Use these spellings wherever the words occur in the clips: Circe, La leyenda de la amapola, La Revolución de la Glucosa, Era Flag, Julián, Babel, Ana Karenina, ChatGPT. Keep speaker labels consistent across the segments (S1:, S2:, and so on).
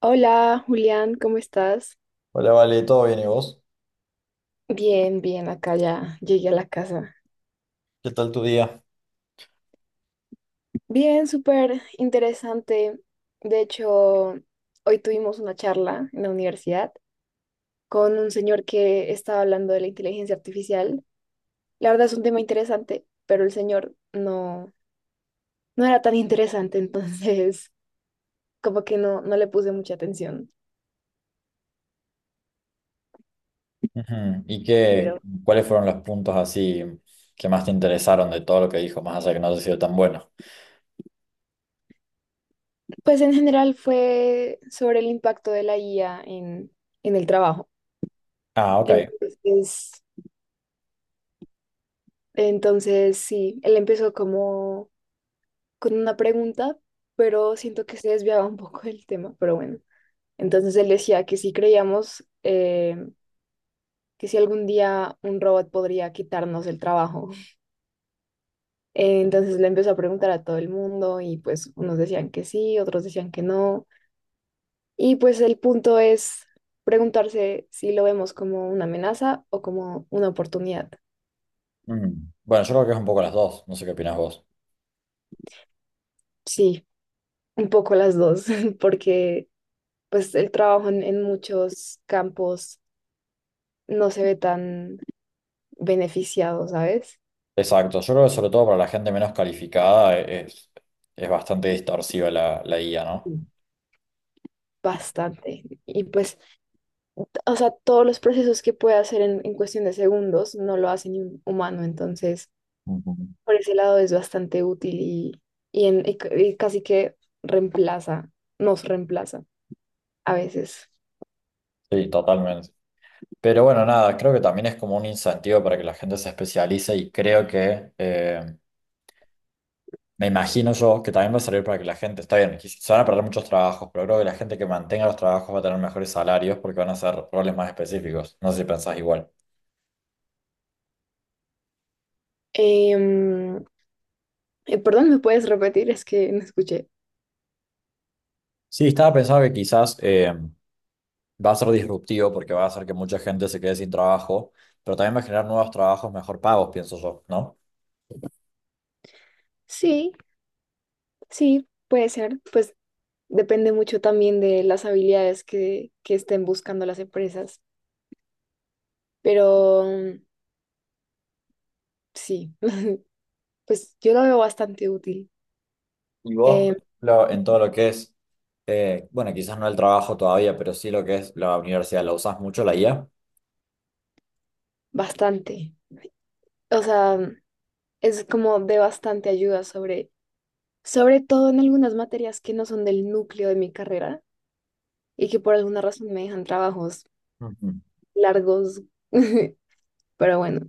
S1: Hola, Julián, ¿cómo estás?
S2: Hola, Vale, ¿todo bien y vos?
S1: Bien, bien, acá ya llegué a la casa.
S2: ¿Qué tal tu día?
S1: Bien, súper interesante. De hecho, hoy tuvimos una charla en la universidad con un señor que estaba hablando de la inteligencia artificial. La verdad es un tema interesante, pero el señor no era tan interesante, entonces como que no le puse mucha atención.
S2: Ujú. ¿Y
S1: Pero
S2: cuáles fueron los puntos así que más te interesaron de todo lo que dijo, más allá de que no haya sido tan bueno?
S1: pues en general fue sobre el impacto de la IA en el trabajo.
S2: Ah, ok.
S1: Entonces, Entonces, sí, él empezó como con una pregunta, pero siento que se desviaba un poco del tema, pero bueno. Entonces él decía que si creíamos que si algún día un robot podría quitarnos el trabajo. Entonces le empezó a preguntar a todo el mundo y pues unos decían que sí, otros decían que no. Y pues el punto es preguntarse si lo vemos como una amenaza o como una oportunidad.
S2: Mm. Bueno, yo creo que es un poco las dos, no sé qué opinas vos.
S1: Sí, un poco las dos, porque pues el trabajo en muchos campos no se ve tan beneficiado, ¿sabes?
S2: Exacto, yo creo que sobre todo para la gente menos calificada es bastante distorsiva la IA, ¿no?
S1: Bastante. Y pues, o sea, todos los procesos que puede hacer en cuestión de segundos no lo hace ni un humano, entonces
S2: Ujú.
S1: por ese lado es bastante útil y casi que reemplaza, nos reemplaza a veces.
S2: Sí, totalmente. Pero bueno, nada, creo que también es como un incentivo para que la gente se especialice y creo que me imagino yo que también va a servir para que la gente, está bien, se van a perder muchos trabajos, pero creo que la gente que mantenga los trabajos va a tener mejores salarios porque van a ser roles más específicos. No sé si pensás igual.
S1: Em, Perdón, ¿me puedes repetir? Es que no escuché.
S2: Sí, estaba pensando que quizás va a ser disruptivo porque va a hacer que mucha gente se quede sin trabajo, pero también va a generar nuevos trabajos mejor pagos, pienso yo, ¿no?
S1: Sí, sí, puede ser. Pues depende mucho también de las habilidades que estén buscando las empresas, pero sí, pues yo lo veo bastante útil,
S2: Y vos, por
S1: eh,
S2: ejemplo, en todo lo que es, bueno, quizás no el trabajo todavía, pero sí lo que es la universidad, ¿la usás mucho la IA?
S1: bastante. O sea, es como de bastante ayuda sobre todo en algunas materias que no son del núcleo de mi carrera y que por alguna razón me dejan trabajos
S2: Ujú.
S1: largos, pero bueno,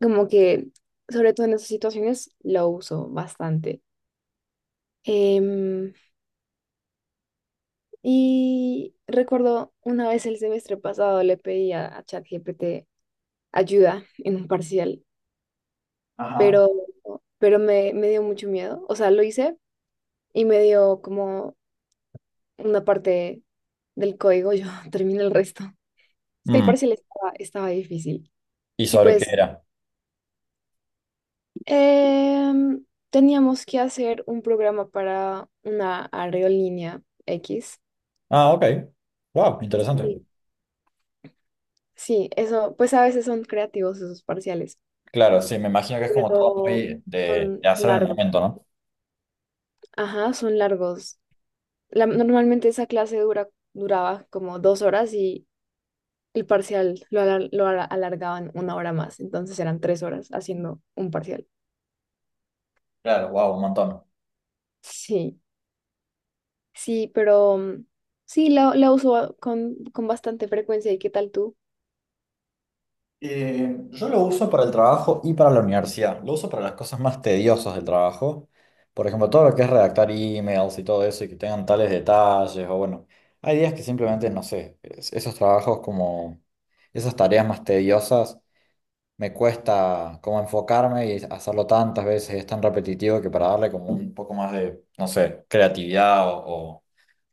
S1: como que sobre todo en esas situaciones lo uso bastante. Em, Y recuerdo una vez el semestre pasado le pedí a ChatGPT ayuda en un parcial,
S2: Ajá.
S1: pero, pero me dio mucho miedo. O sea, lo hice y me dio como una parte del código, yo terminé el resto. Es que el
S2: Mm,
S1: parcial estaba difícil.
S2: ¿y
S1: Y
S2: sobre qué
S1: pues
S2: era?
S1: teníamos que hacer un programa para una aerolínea X.
S2: Ah, ok. Wow, interesante.
S1: Y sí, eso, pues a veces son creativos esos parciales.
S2: Claro, sí, me imagino que es como todo
S1: Pero
S2: muy
S1: son,
S2: de
S1: son
S2: hacer en el
S1: largos.
S2: momento, ¿no?
S1: Ajá, son largos. Normalmente esa clase duraba como 2 horas y el parcial lo, alar- lo ala- alargaban 1 hora más, entonces eran 3 horas haciendo un parcial.
S2: Claro, wow, un montón.
S1: Sí, sí, pero sí, la uso con bastante frecuencia. ¿Y qué tal tú?
S2: Yo lo uso para el trabajo y para la universidad. Lo uso para las cosas más tediosas del trabajo. Por ejemplo, todo lo que es redactar emails y todo eso y que tengan tales detalles o bueno, hay días que simplemente, no sé, esos trabajos como esas tareas más tediosas me cuesta como enfocarme y hacerlo tantas veces, es tan repetitivo que para darle como un poco más de, no sé, creatividad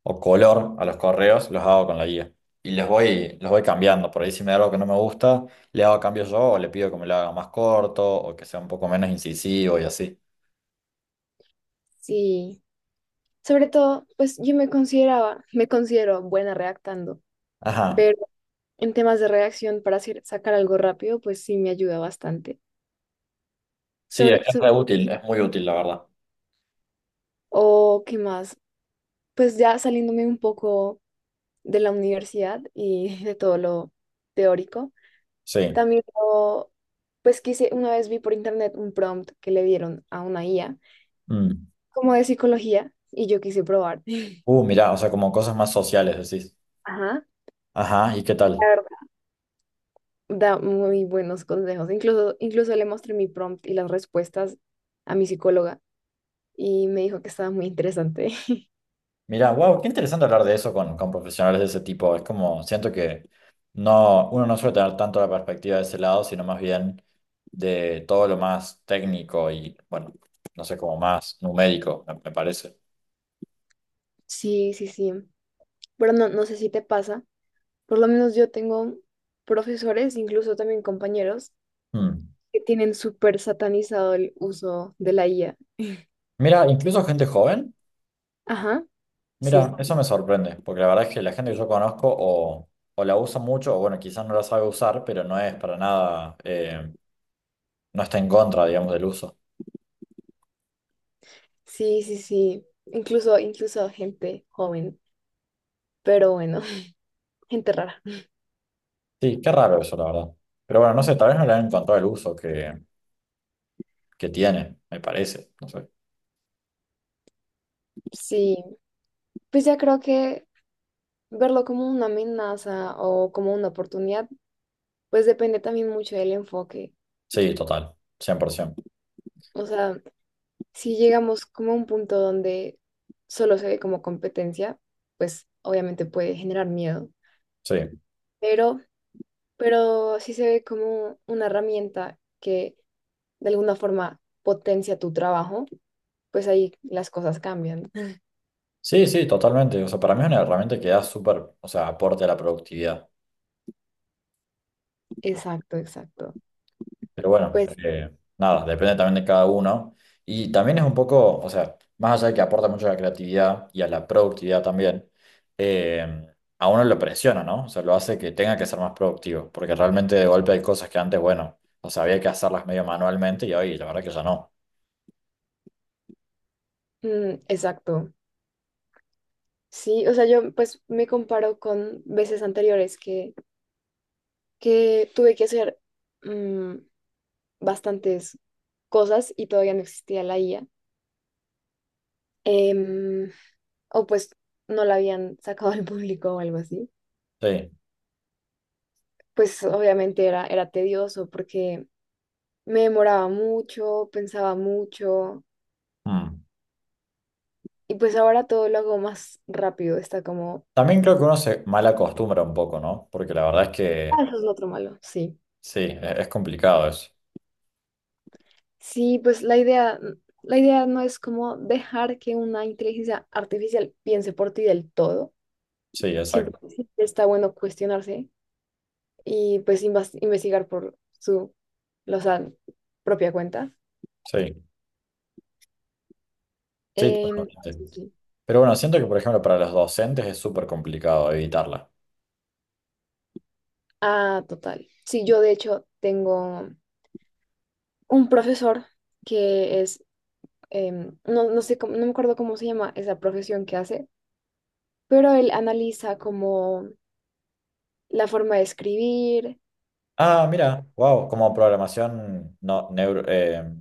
S2: o color a los correos, los hago con la guía. Y los voy cambiando. Por ahí si me da algo que no me gusta, le hago cambios yo o le pido que me lo haga más corto o que sea un poco menos incisivo y así.
S1: Sí, sobre todo, pues yo me considero buena redactando,
S2: Ajá.
S1: pero en temas de redacción para sacar algo rápido, pues sí me ayuda bastante.
S2: Sí,
S1: Sobre,
S2: es re
S1: so-
S2: útil, es muy útil, la verdad.
S1: O qué más, pues ya saliéndome un poco de la universidad y de todo lo teórico,
S2: Sí.
S1: también lo- pues quise, una vez vi por internet un prompt que le dieron a una IA
S2: Mm.
S1: como de psicología y yo quise probar.
S2: Mirá, o sea, como cosas más sociales, decís.
S1: Ajá,
S2: Ajá, ¿y qué
S1: la
S2: tal?
S1: verdad, da muy buenos consejos. Incluso, incluso le mostré mi prompt y las respuestas a mi psicóloga y me dijo que estaba muy interesante.
S2: Mirá, wow, qué interesante hablar de eso con profesionales de ese tipo. Es como, siento que no, uno no suele tener tanto la perspectiva de ese lado, sino más bien de todo lo más técnico y, bueno, no sé, como más numérico, me parece.
S1: Sí, sí, sí. Pero no, no sé si te pasa. Por lo menos yo tengo profesores, incluso también compañeros,
S2: Hmm.
S1: que tienen súper satanizado el uso de la IA.
S2: Mira, incluso gente joven,
S1: Ajá,
S2: mira,
S1: sí,
S2: eso me sorprende, porque la verdad es que la gente que yo conozco o la usa mucho, o bueno, quizás no la sabe usar, pero no es para nada, no está en contra, digamos, del uso.
S1: sí, sí, sí. Incluso, incluso gente joven, pero bueno, gente rara.
S2: Sí, qué raro eso, la verdad. Pero bueno, no sé, tal vez no le han encontrado el uso que tiene, me parece. No sé.
S1: Sí, pues ya creo que verlo como una amenaza o como una oportunidad, pues depende también mucho del enfoque.
S2: Sí, total, 100%.
S1: O sea, si llegamos como a un punto donde solo se ve como competencia, pues obviamente puede generar miedo.
S2: Sí,
S1: Pero pero sí se ve como una herramienta que de alguna forma potencia tu trabajo, pues ahí las cosas cambian.
S2: sí, totalmente. O sea, para mí es una herramienta que da súper, o sea, aporte a la productividad.
S1: Exacto, exacto.
S2: Pero bueno,
S1: Pues,
S2: nada, depende también de cada uno. Y también es un poco, o sea, más allá de que aporta mucho a la creatividad y a la productividad también, eh, a uno lo presiona, ¿no? O sea, lo hace que tenga que ser más productivo. Porque realmente de golpe hay cosas que antes, bueno, o sea, había que hacerlas medio manualmente y hoy la verdad que ya no.
S1: exacto. Sí, o sea, yo pues me comparo con veces anteriores que tuve que hacer mm, bastantes cosas y todavía no existía la IA. Em, o pues no la habían sacado al público o algo así.
S2: Sí.
S1: Pues obviamente era tedioso porque me demoraba mucho, pensaba mucho
S2: Mm.
S1: y pues ahora todo lo hago más rápido. Está como,
S2: También creo que uno se mal acostumbra un poco, ¿no? Porque la verdad es
S1: ah,
S2: que
S1: eso es lo otro malo, sí.
S2: sí, es complicado eso.
S1: Sí, pues la idea, la idea no es como dejar que una inteligencia artificial piense por ti del todo.
S2: Sí,
S1: Siempre
S2: exacto.
S1: está bueno cuestionarse y pues investigar por su, o sea, propia cuenta.
S2: Sí, sí,
S1: Em, sí,
S2: totalmente.
S1: sí.
S2: Pero bueno, siento que, por ejemplo, para los docentes es súper complicado evitarla.
S1: Ah, total. Sí, yo de hecho tengo un profesor que es no, no sé cómo, no me acuerdo cómo se llama esa profesión que hace, pero él analiza como la forma de escribir,
S2: Ah, mira, wow, como programación, no, neuro,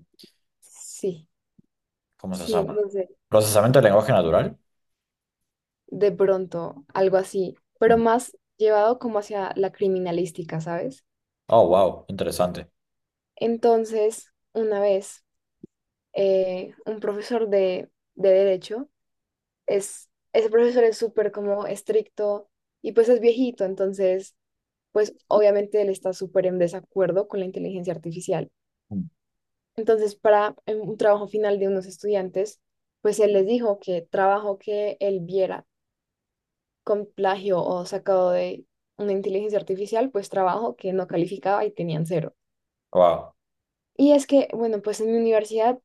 S1: sí,
S2: ¿cómo se
S1: sí,
S2: llama?
S1: no sé,
S2: Procesamiento de lenguaje natural.
S1: de pronto, algo así, pero
S2: Mm.
S1: más llevado como hacia la criminalística, ¿sabes?
S2: Oh, wow, interesante.
S1: Entonces, una vez, un profesor de derecho, es, ese profesor es súper como estricto y pues es viejito, entonces, pues obviamente él está súper en desacuerdo con la inteligencia artificial. Entonces, para un trabajo final de unos estudiantes, pues él les dijo que trabajo que él viera con plagio o sacado de una inteligencia artificial, pues trabajo que no calificaba y tenían 0.
S2: Wow.
S1: Y es que, bueno, pues en mi universidad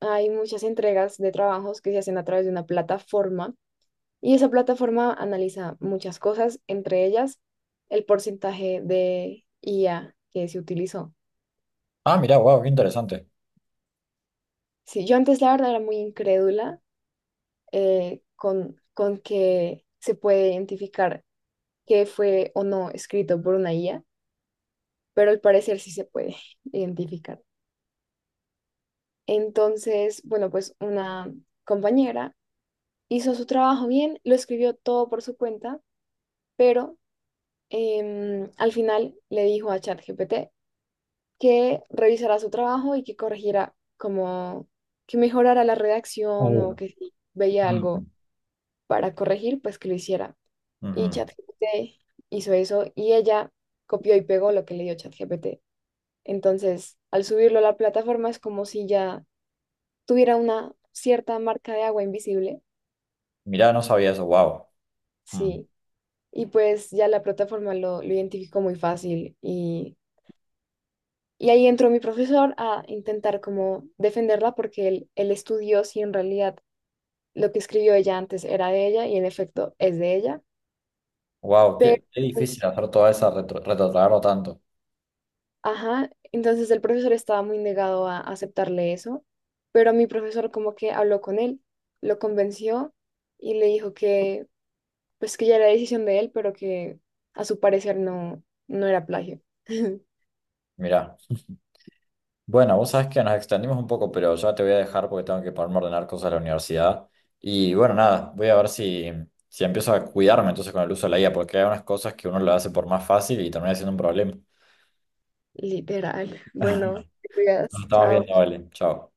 S1: hay muchas entregas de trabajos que se hacen a través de una plataforma y esa plataforma analiza muchas cosas, entre ellas el porcentaje de IA que se utilizó.
S2: Ah, mira, wow, qué interesante.
S1: Sí, yo antes la verdad era muy incrédula con que se puede identificar qué fue o no escrito por una IA, pero al parecer sí se puede identificar. Entonces, bueno, pues una compañera hizo su trabajo bien, lo escribió todo por su cuenta, pero al final le dijo a ChatGPT que revisara su trabajo y que corrigiera como que mejorara la redacción o
S2: Oh.
S1: que si veía algo
S2: Mm.
S1: para corregir, pues que lo hiciera. Y
S2: Ujú.
S1: ChatGPT hizo eso y ella copió y pegó lo que le dio ChatGPT. Entonces, al subirlo a la plataforma es como si ya tuviera una cierta marca de agua invisible.
S2: Mirá, no sabía eso, wow.
S1: Sí. Y pues ya la plataforma lo identificó muy fácil. Y ahí entró mi profesor a intentar como defenderla porque él estudió si en realidad lo que escribió ella antes era de ella y en efecto es de ella.
S2: Wow,
S1: Pero
S2: qué difícil
S1: pues
S2: hacer toda esa retrotraerlo tanto.
S1: ajá, entonces el profesor estaba muy negado a aceptarle eso, pero mi profesor como que habló con él, lo convenció y le dijo que pues que ya era decisión de él, pero que a su parecer no, no era plagio.
S2: Mirá. Bueno, vos sabés que nos extendimos un poco, pero ya te voy a dejar porque tengo que ponerme a ordenar cosas a la universidad. Y bueno, nada, voy a ver si empiezo a cuidarme entonces con el uso de la IA, porque hay unas cosas que uno lo hace por más fácil y termina siendo un problema.
S1: Literal. Bueno, te cuidas,
S2: Nos estamos
S1: chao.
S2: viendo, vale. Chao.